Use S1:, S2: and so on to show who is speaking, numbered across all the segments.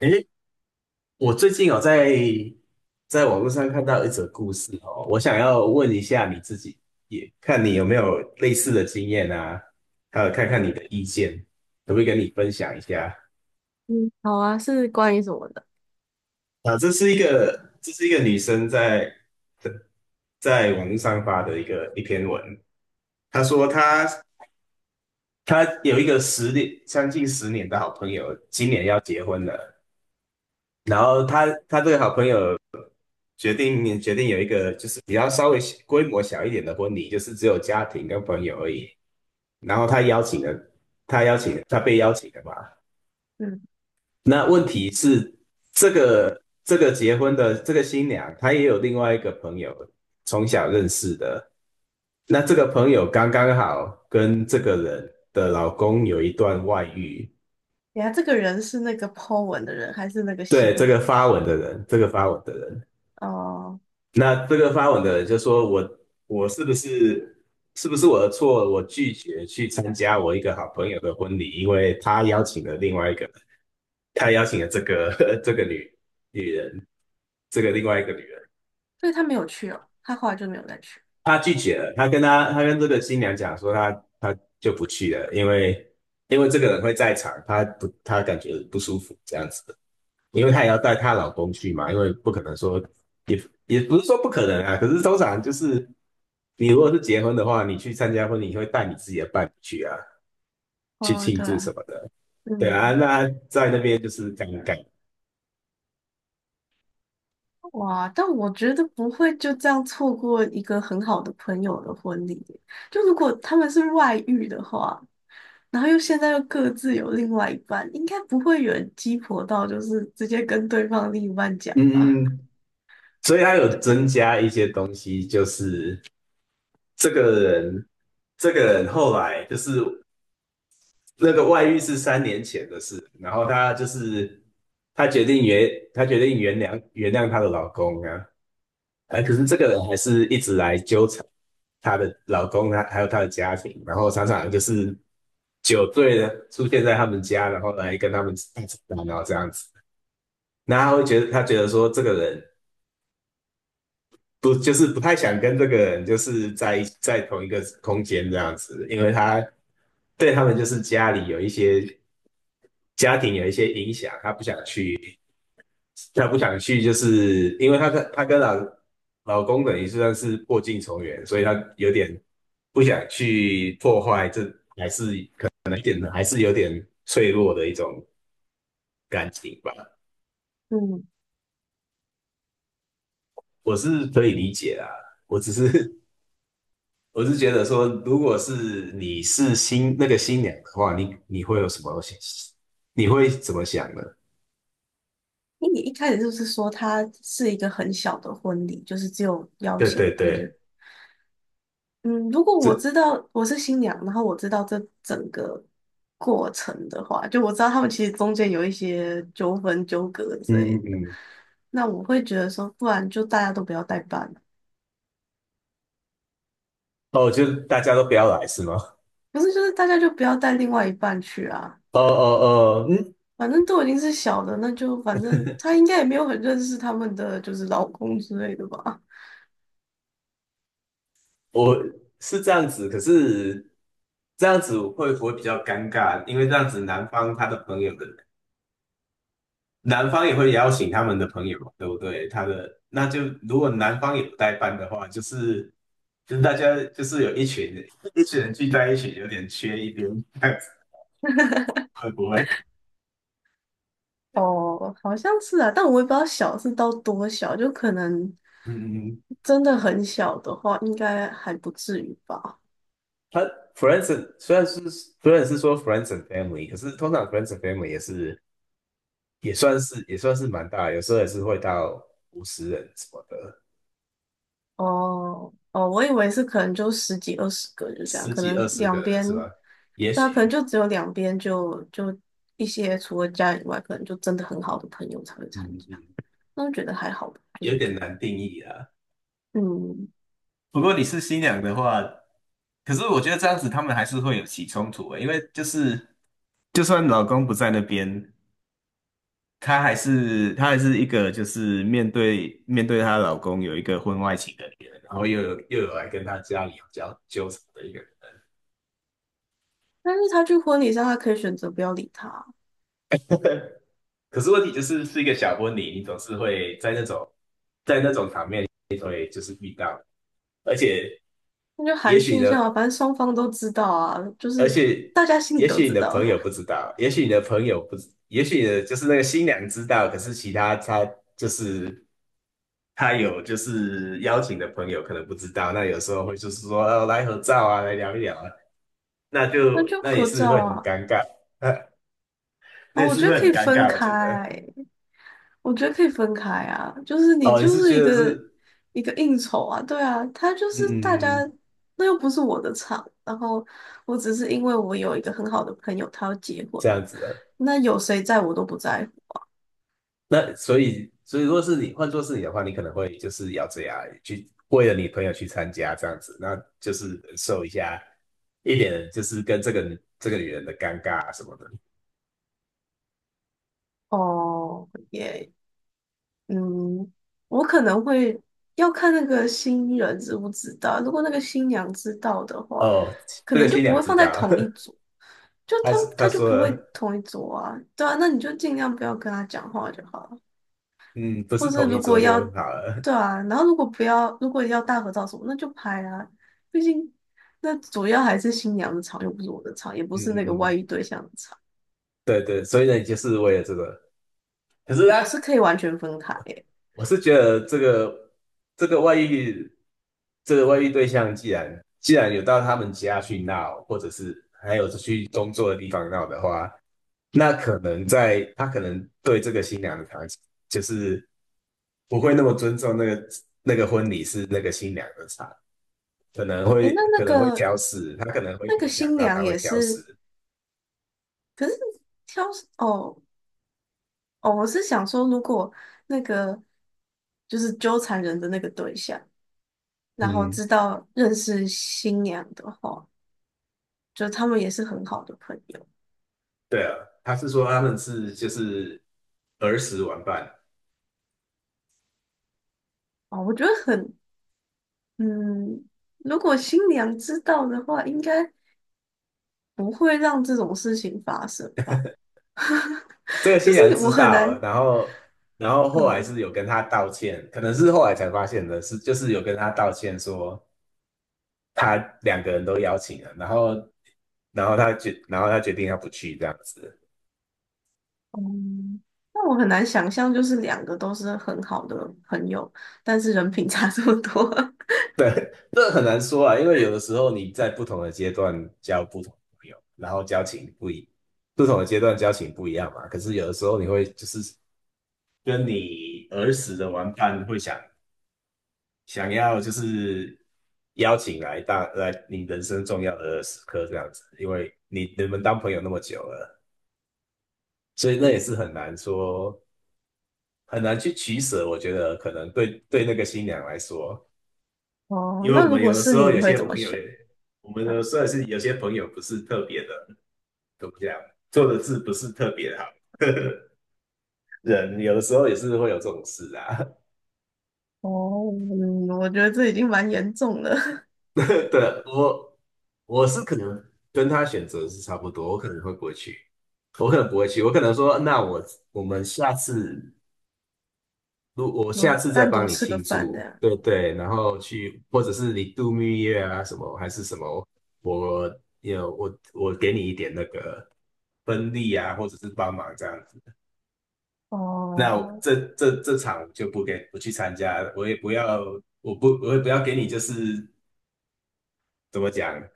S1: 诶，我最近有在网络上看到一则故事哦，我想要问一下你自己，也看你有没有类似的经验啊，还有看看你的意见，可不可以跟你分享一下？
S2: 嗯，好啊，是关于什么的？
S1: 啊，这是一个女生在在网络上发的一篇文，她说她有一个十年，将近十年的好朋友，今年要结婚了，然后她这个好朋友决定有一个就是比较稍微规模小一点的婚礼，就是只有家庭跟朋友而已。然后他邀请了他被邀请的嘛。
S2: 嗯，
S1: 那问题是，这个结婚的这个新娘，她也有另外一个朋友从小认识的。那这个朋友刚刚好跟这个人的老公有一段外遇，
S2: 等下这个人是那个 po 文的人，还是那个
S1: 对，
S2: 新娘？
S1: 这个发文的人。
S2: 哦，
S1: 那这个发文的人就说我是不是我的错？我拒绝去参加我一个好朋友的婚礼，因为他邀请了另外一个人，他邀请了这个 这个女人，这个另外一个女人，
S2: 所以他没有去哦，他后来就没有再去。
S1: 他拒绝了。他跟这个新娘讲说他就不去了，因为这个人会在场，他感觉不舒服这样子的。因为她也要带她老公去嘛，因为不可能说也也不是说不可能啊，可是通常就是你如果是结婚的话，你去参加婚礼，你会带你自己的伴侣去啊，去
S2: 哦，
S1: 庆
S2: 对
S1: 祝
S2: 啊，
S1: 什么的。对啊，
S2: 嗯，
S1: 那在那边就是尴尬，
S2: 哇，但我觉得不会就这样错过一个很好的朋友的婚礼耶。就如果他们是外遇的话，然后又现在又各自有另外一半，应该不会有人鸡婆到就是直接跟对方另一半讲
S1: 嗯
S2: 吧？
S1: 嗯，所以他有增加一些东西，就是这个人，这个人后来就是那个外遇是3年前的事，然后他就是他决定原谅她的老公啊，哎，可是这个人还是一直来纠缠她的老公，她还有她的家庭，然后常常就是酒醉了出现在他们家，然后来跟他们大吵大闹这样子。那他觉得说这个人不就是不太想跟这个人就是在同一个空间这样子，因为他对他们就是家庭有一些影响，他不想去，就是因为她跟老公等于是算是破镜重圆，所以她有点不想去破坏，这还是可能一点还是有点脆弱的一种感情吧。
S2: 嗯。
S1: 我是可以理解啦，我只是 我是觉得说，如果是你是那个新娘的话，你会有什么想？你会怎么想呢？
S2: 因为你一开始就是说它是一个很小的婚礼，就是只有邀
S1: 对
S2: 请，
S1: 对
S2: 就
S1: 对，
S2: 是嗯，如果我知
S1: 这
S2: 道我是新娘，然后我知道这整个过程的话，就我知道他们其实中间有一些纠纷、纠葛之
S1: 嗯
S2: 类
S1: 嗯
S2: 的，
S1: 嗯，
S2: 那我会觉得说，不然就大家都不要代办，
S1: 哦，就大家都不要来是吗？
S2: 不是就是大家就不要带另外一半去啊，
S1: 哦哦哦，嗯，
S2: 反正都已经是小的，那就反正他应该也没有很认识他们的就是老公之类的吧。
S1: 我是这样子，可是这样子会不会比较尴尬？因为这样子男方他的朋友的，男方也会邀请他们的朋友嘛，对不对？那就如果男方有代办的话，就是大家就是有一群人聚在一起，有点缺一边，这样子会不会？
S2: 哦，好像是啊，但我也不知道小是到多小，就可能
S1: 嗯，嗯，
S2: 真的很小的话，应该还不至于吧。
S1: 他 虽然是说 friends and family，可是通常 friends and family 也是也算是蛮大的有时候也是会到50人什么的。
S2: 哦哦，我以为是可能就十几二十个，就这样，
S1: 十
S2: 可
S1: 几
S2: 能
S1: 20个
S2: 两
S1: 人
S2: 边，
S1: 是吧？也
S2: 对啊，可能
S1: 许，
S2: 就只有两边就就一些除了家人以外，可能就真的很好的朋友才会参
S1: 嗯
S2: 加，
S1: 嗯，
S2: 那我觉得还好吧，就
S1: 有
S2: 是就
S1: 点难定义啊。
S2: 嗯，
S1: 不过你是新娘的话，可是我觉得这样子他们还是会有起冲突的因为就是就算老公不在那边，她还是一个就是面对她老公有一个婚外情的女人，然后又有来跟她家里有交纠缠的一个人。
S2: 但是他去婚礼上，他可以选择不要理他，
S1: 可是问题就是是一个小婚礼，你总是会在那，而且
S2: 那就
S1: 也
S2: 寒暄
S1: 许
S2: 一
S1: 呢，
S2: 下嘛，反正双方都知道啊，就
S1: 而
S2: 是
S1: 且
S2: 大家心里
S1: 也
S2: 都
S1: 许你
S2: 知
S1: 的
S2: 道。
S1: 朋友不知道，也许你的朋友不知也许你的就是那个新娘知道，可是其他就是他有就是邀请的朋友可能不知道，那有时候会就是说哦来合照啊，来聊一聊啊，
S2: 那就
S1: 那也
S2: 合
S1: 是
S2: 照
S1: 会很
S2: 啊。
S1: 尴尬，那
S2: 啊，
S1: 也
S2: 我
S1: 是
S2: 觉得
S1: 会
S2: 可
S1: 很
S2: 以
S1: 尴
S2: 分
S1: 尬，我
S2: 开，
S1: 觉得。
S2: 我觉得可以分开啊。就是你
S1: 哦，你
S2: 就
S1: 是
S2: 是一
S1: 觉得
S2: 个
S1: 是
S2: 一个应酬啊，对啊，他就
S1: 嗯
S2: 是大家，
S1: 嗯
S2: 那又不是我的场。然后我只是因为我有一个很好的朋友，他要结婚，
S1: 这样子的，
S2: 那有谁在我都不在乎。
S1: 那所以如果是你换做是你的话，你可能会就是要这样去为了你朋友去参加这样子，那就是忍受一下。一点就是跟这个女人的尴尬啊什么的。
S2: 哦，耶，嗯，我可能会要看那个新人知不知道。如果那个新娘知道的话，
S1: 哦，
S2: 可
S1: 这个
S2: 能就
S1: 新
S2: 不
S1: 娘
S2: 会
S1: 知
S2: 放在
S1: 道，
S2: 同一组，就
S1: 她
S2: 他
S1: 她
S2: 他就
S1: 说
S2: 不会
S1: 了，
S2: 同一组啊。对啊，那你就尽量不要跟他讲话就好了。
S1: 嗯，不是
S2: 或是
S1: 同一
S2: 如果
S1: 桌就
S2: 要，
S1: 好了，
S2: 对啊，然后如果不要，如果要大合照什么，那就拍啊。毕竟那主要还是新娘的场，又不是我的场，也不
S1: 嗯
S2: 是
S1: 嗯
S2: 那个外遇
S1: 嗯，
S2: 对象的场，
S1: 对对，所以呢，你就是为了这个，可是呢。
S2: 我是可以完全分开耶。
S1: 我是觉得这个这个外遇，这个外遇对象既然有到他们家去闹，或者是还有去工作的地方闹的话，那可能对这个新娘的场景，就是不会那么尊重那个婚礼是那个新娘的场，可能
S2: 诶，
S1: 会
S2: 那那
S1: 可能会
S2: 个
S1: 挑食，他可能会
S2: 那个
S1: 预想
S2: 新
S1: 到
S2: 娘
S1: 他会
S2: 也
S1: 挑食。
S2: 是。可是挑哦哦，我是想说，如果那个就是纠缠人的那个对象，然后
S1: 嗯，
S2: 知道认识新娘的话，就他们也是很好的朋友
S1: 对啊，他是说他们是就是儿时玩伴，
S2: 啊。我觉得很嗯，如果新娘知道的话，应该不会让这种事情发生吧？
S1: 这个 新
S2: 就
S1: 娘
S2: 是我
S1: 知
S2: 很
S1: 道了
S2: 难，
S1: 然后后来
S2: 嗯
S1: 是有跟他道歉，可能是后来才发现的是，就是有跟他道歉说他两个人都邀请了，然后他决定他不去这样子，
S2: 嗯，那我很难想象，就是两个都是很好的朋友，但是人品差这么多。
S1: 这很难说啊，因为有的时候你在不同的阶段交不同的朋友，然后交情不一，不同的阶段交情不一样嘛，可是有的时候你会就是跟你儿时的玩伴会想要就是邀请来你人生重要的时刻这样子，因为你你们当朋友那么久了，所以那也是很难说很难去取舍。我觉得可能对那个新娘来说，
S2: 哦，
S1: 因为我
S2: 那如
S1: 们
S2: 果
S1: 有的
S2: 是
S1: 时
S2: 你，
S1: 候
S2: 你
S1: 有
S2: 会
S1: 些
S2: 怎么
S1: 朋友
S2: 选？
S1: 也，我们有
S2: 啊，
S1: 时候也是有些朋友不是特别的，怎么样，做的事不是特别好。人有的时候也是会有这种事啊，
S2: 哦，嗯，我觉得这已经蛮严重了。
S1: 对，我我是可能跟他选择是差不多，我可能会不会去，我可能不会去，我可能说，那我我们下次，如我下
S2: 嗯，
S1: 次再
S2: 单
S1: 帮
S2: 独
S1: 你
S2: 吃个
S1: 庆
S2: 饭这
S1: 祝，
S2: 样。
S1: 对对，然后去，或者是你度蜜月啊什么，还是什么，我有我我给你一点那个分利啊，或者是帮忙这样子，那我
S2: 哦，
S1: 这场我就不去参加我也不要，我也不要给你就是怎么讲。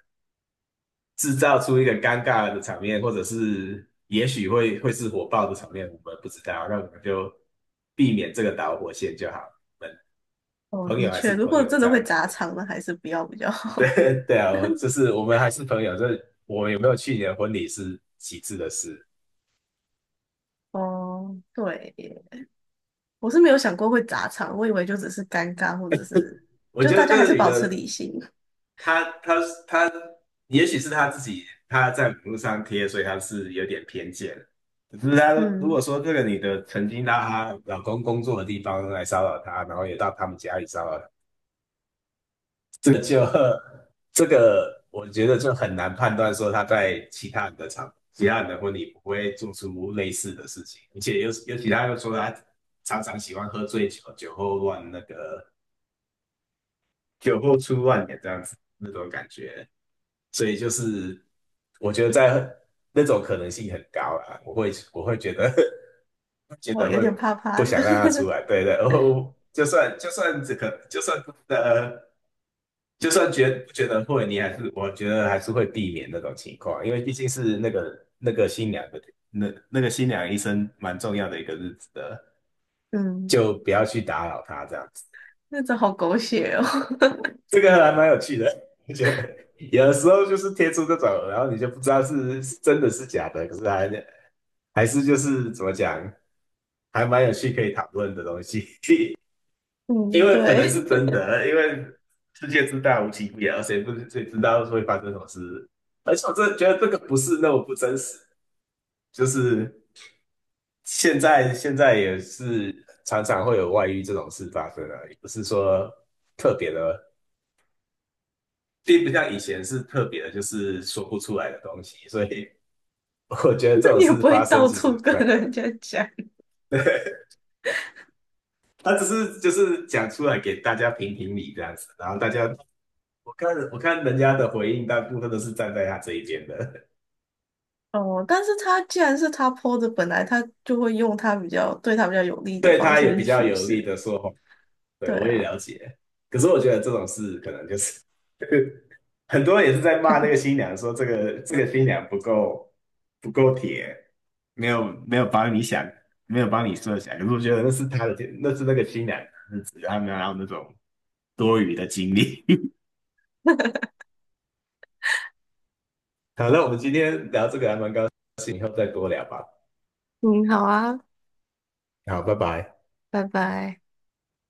S1: 制造出一个尴尬的场面，或者是也许会是火爆的场面，我们不知道，那我们就避免这个导火线就好。我们
S2: 哦，
S1: 朋
S2: 的
S1: 友还是
S2: 确，如
S1: 朋
S2: 果
S1: 友
S2: 真
S1: 这
S2: 的会
S1: 样子
S2: 砸
S1: 的，
S2: 场，那还是不要比较 好。
S1: 对对啊，我就是我们还是朋友。这我们有没有去年婚礼是其次的事，
S2: 哦，对耶，我是没有想过会砸场，我以为就只是尴尬，或者是
S1: 我
S2: 就
S1: 觉得
S2: 大
S1: 这
S2: 家还
S1: 个
S2: 是
S1: 女
S2: 保持
S1: 的
S2: 理性。
S1: 她她她，也许是她自己她在网络上贴，所以她是有点偏见。可是她如果
S2: 嗯，
S1: 说这个女的曾经到她老公工作的地方来骚扰她，然后也到他们家里骚扰这个就这个，我觉得就很难判断说他在其他人的场、其他人的婚礼不会做出类似的事情，而且尤其他又说他常常喜欢喝醉酒，酒后乱那个酒后出乱言这样子那种感觉，所以就是我觉得在那种可能性很高啦，我会觉得 觉
S2: 我
S1: 得
S2: 有
S1: 会
S2: 点怕
S1: 不
S2: 怕的。
S1: 想让他出来，对对，就算呃。就算觉不觉得会，你还是我觉得还是会避免那种情况，因为毕竟是那个那个新娘的那个新娘医生蛮重要的一个日子的，
S2: 嗯，
S1: 就不要去打扰她这样子。
S2: 那真好狗血哦。
S1: 这个还蛮有趣的，我觉得有的时候就是贴出这种，然后你就不知道是是真的是假的，可是还是就是怎么讲，还蛮有趣可以讨论的东西。因
S2: 嗯，
S1: 为可能
S2: 对，
S1: 是 真的，因为世界之大无奇不有，谁不谁知道会发生什么事？而且我真的觉得这个不是那么不真实，就是现在也是常常会有外遇这种事发生啊，也不是说特别的，并不像以前是特别的，就是说不出来的东西，所以我觉得这
S2: 那
S1: 种
S2: 你也不
S1: 事
S2: 会
S1: 发生
S2: 到
S1: 其
S2: 处
S1: 实不
S2: 跟
S1: 太可能。
S2: 人家讲。
S1: 他只是就是讲出来给大家评评理这样子，然后大家我看人家的回应，大部分都是站在他这一边的，
S2: 哦，但是他既然是他 PO 的，本来他就会用他比较对他比较有利 的
S1: 对
S2: 方
S1: 他有
S2: 式
S1: 比
S2: 去
S1: 较
S2: 叙
S1: 有利
S2: 事。
S1: 的说法，对
S2: 对
S1: 我也
S2: 啊，
S1: 了解。可是我觉得这种事可能就是 很多人也是在骂那个新娘，说这个新娘不够铁，没有帮你想，没有帮你设想。可是我觉得那是他的，那是那个新娘的日子，他没有让那种多余的精力。好，那我们今天聊这个还蛮高兴，以后再多聊吧。
S2: 嗯，好啊，
S1: 好，拜拜。
S2: 拜拜。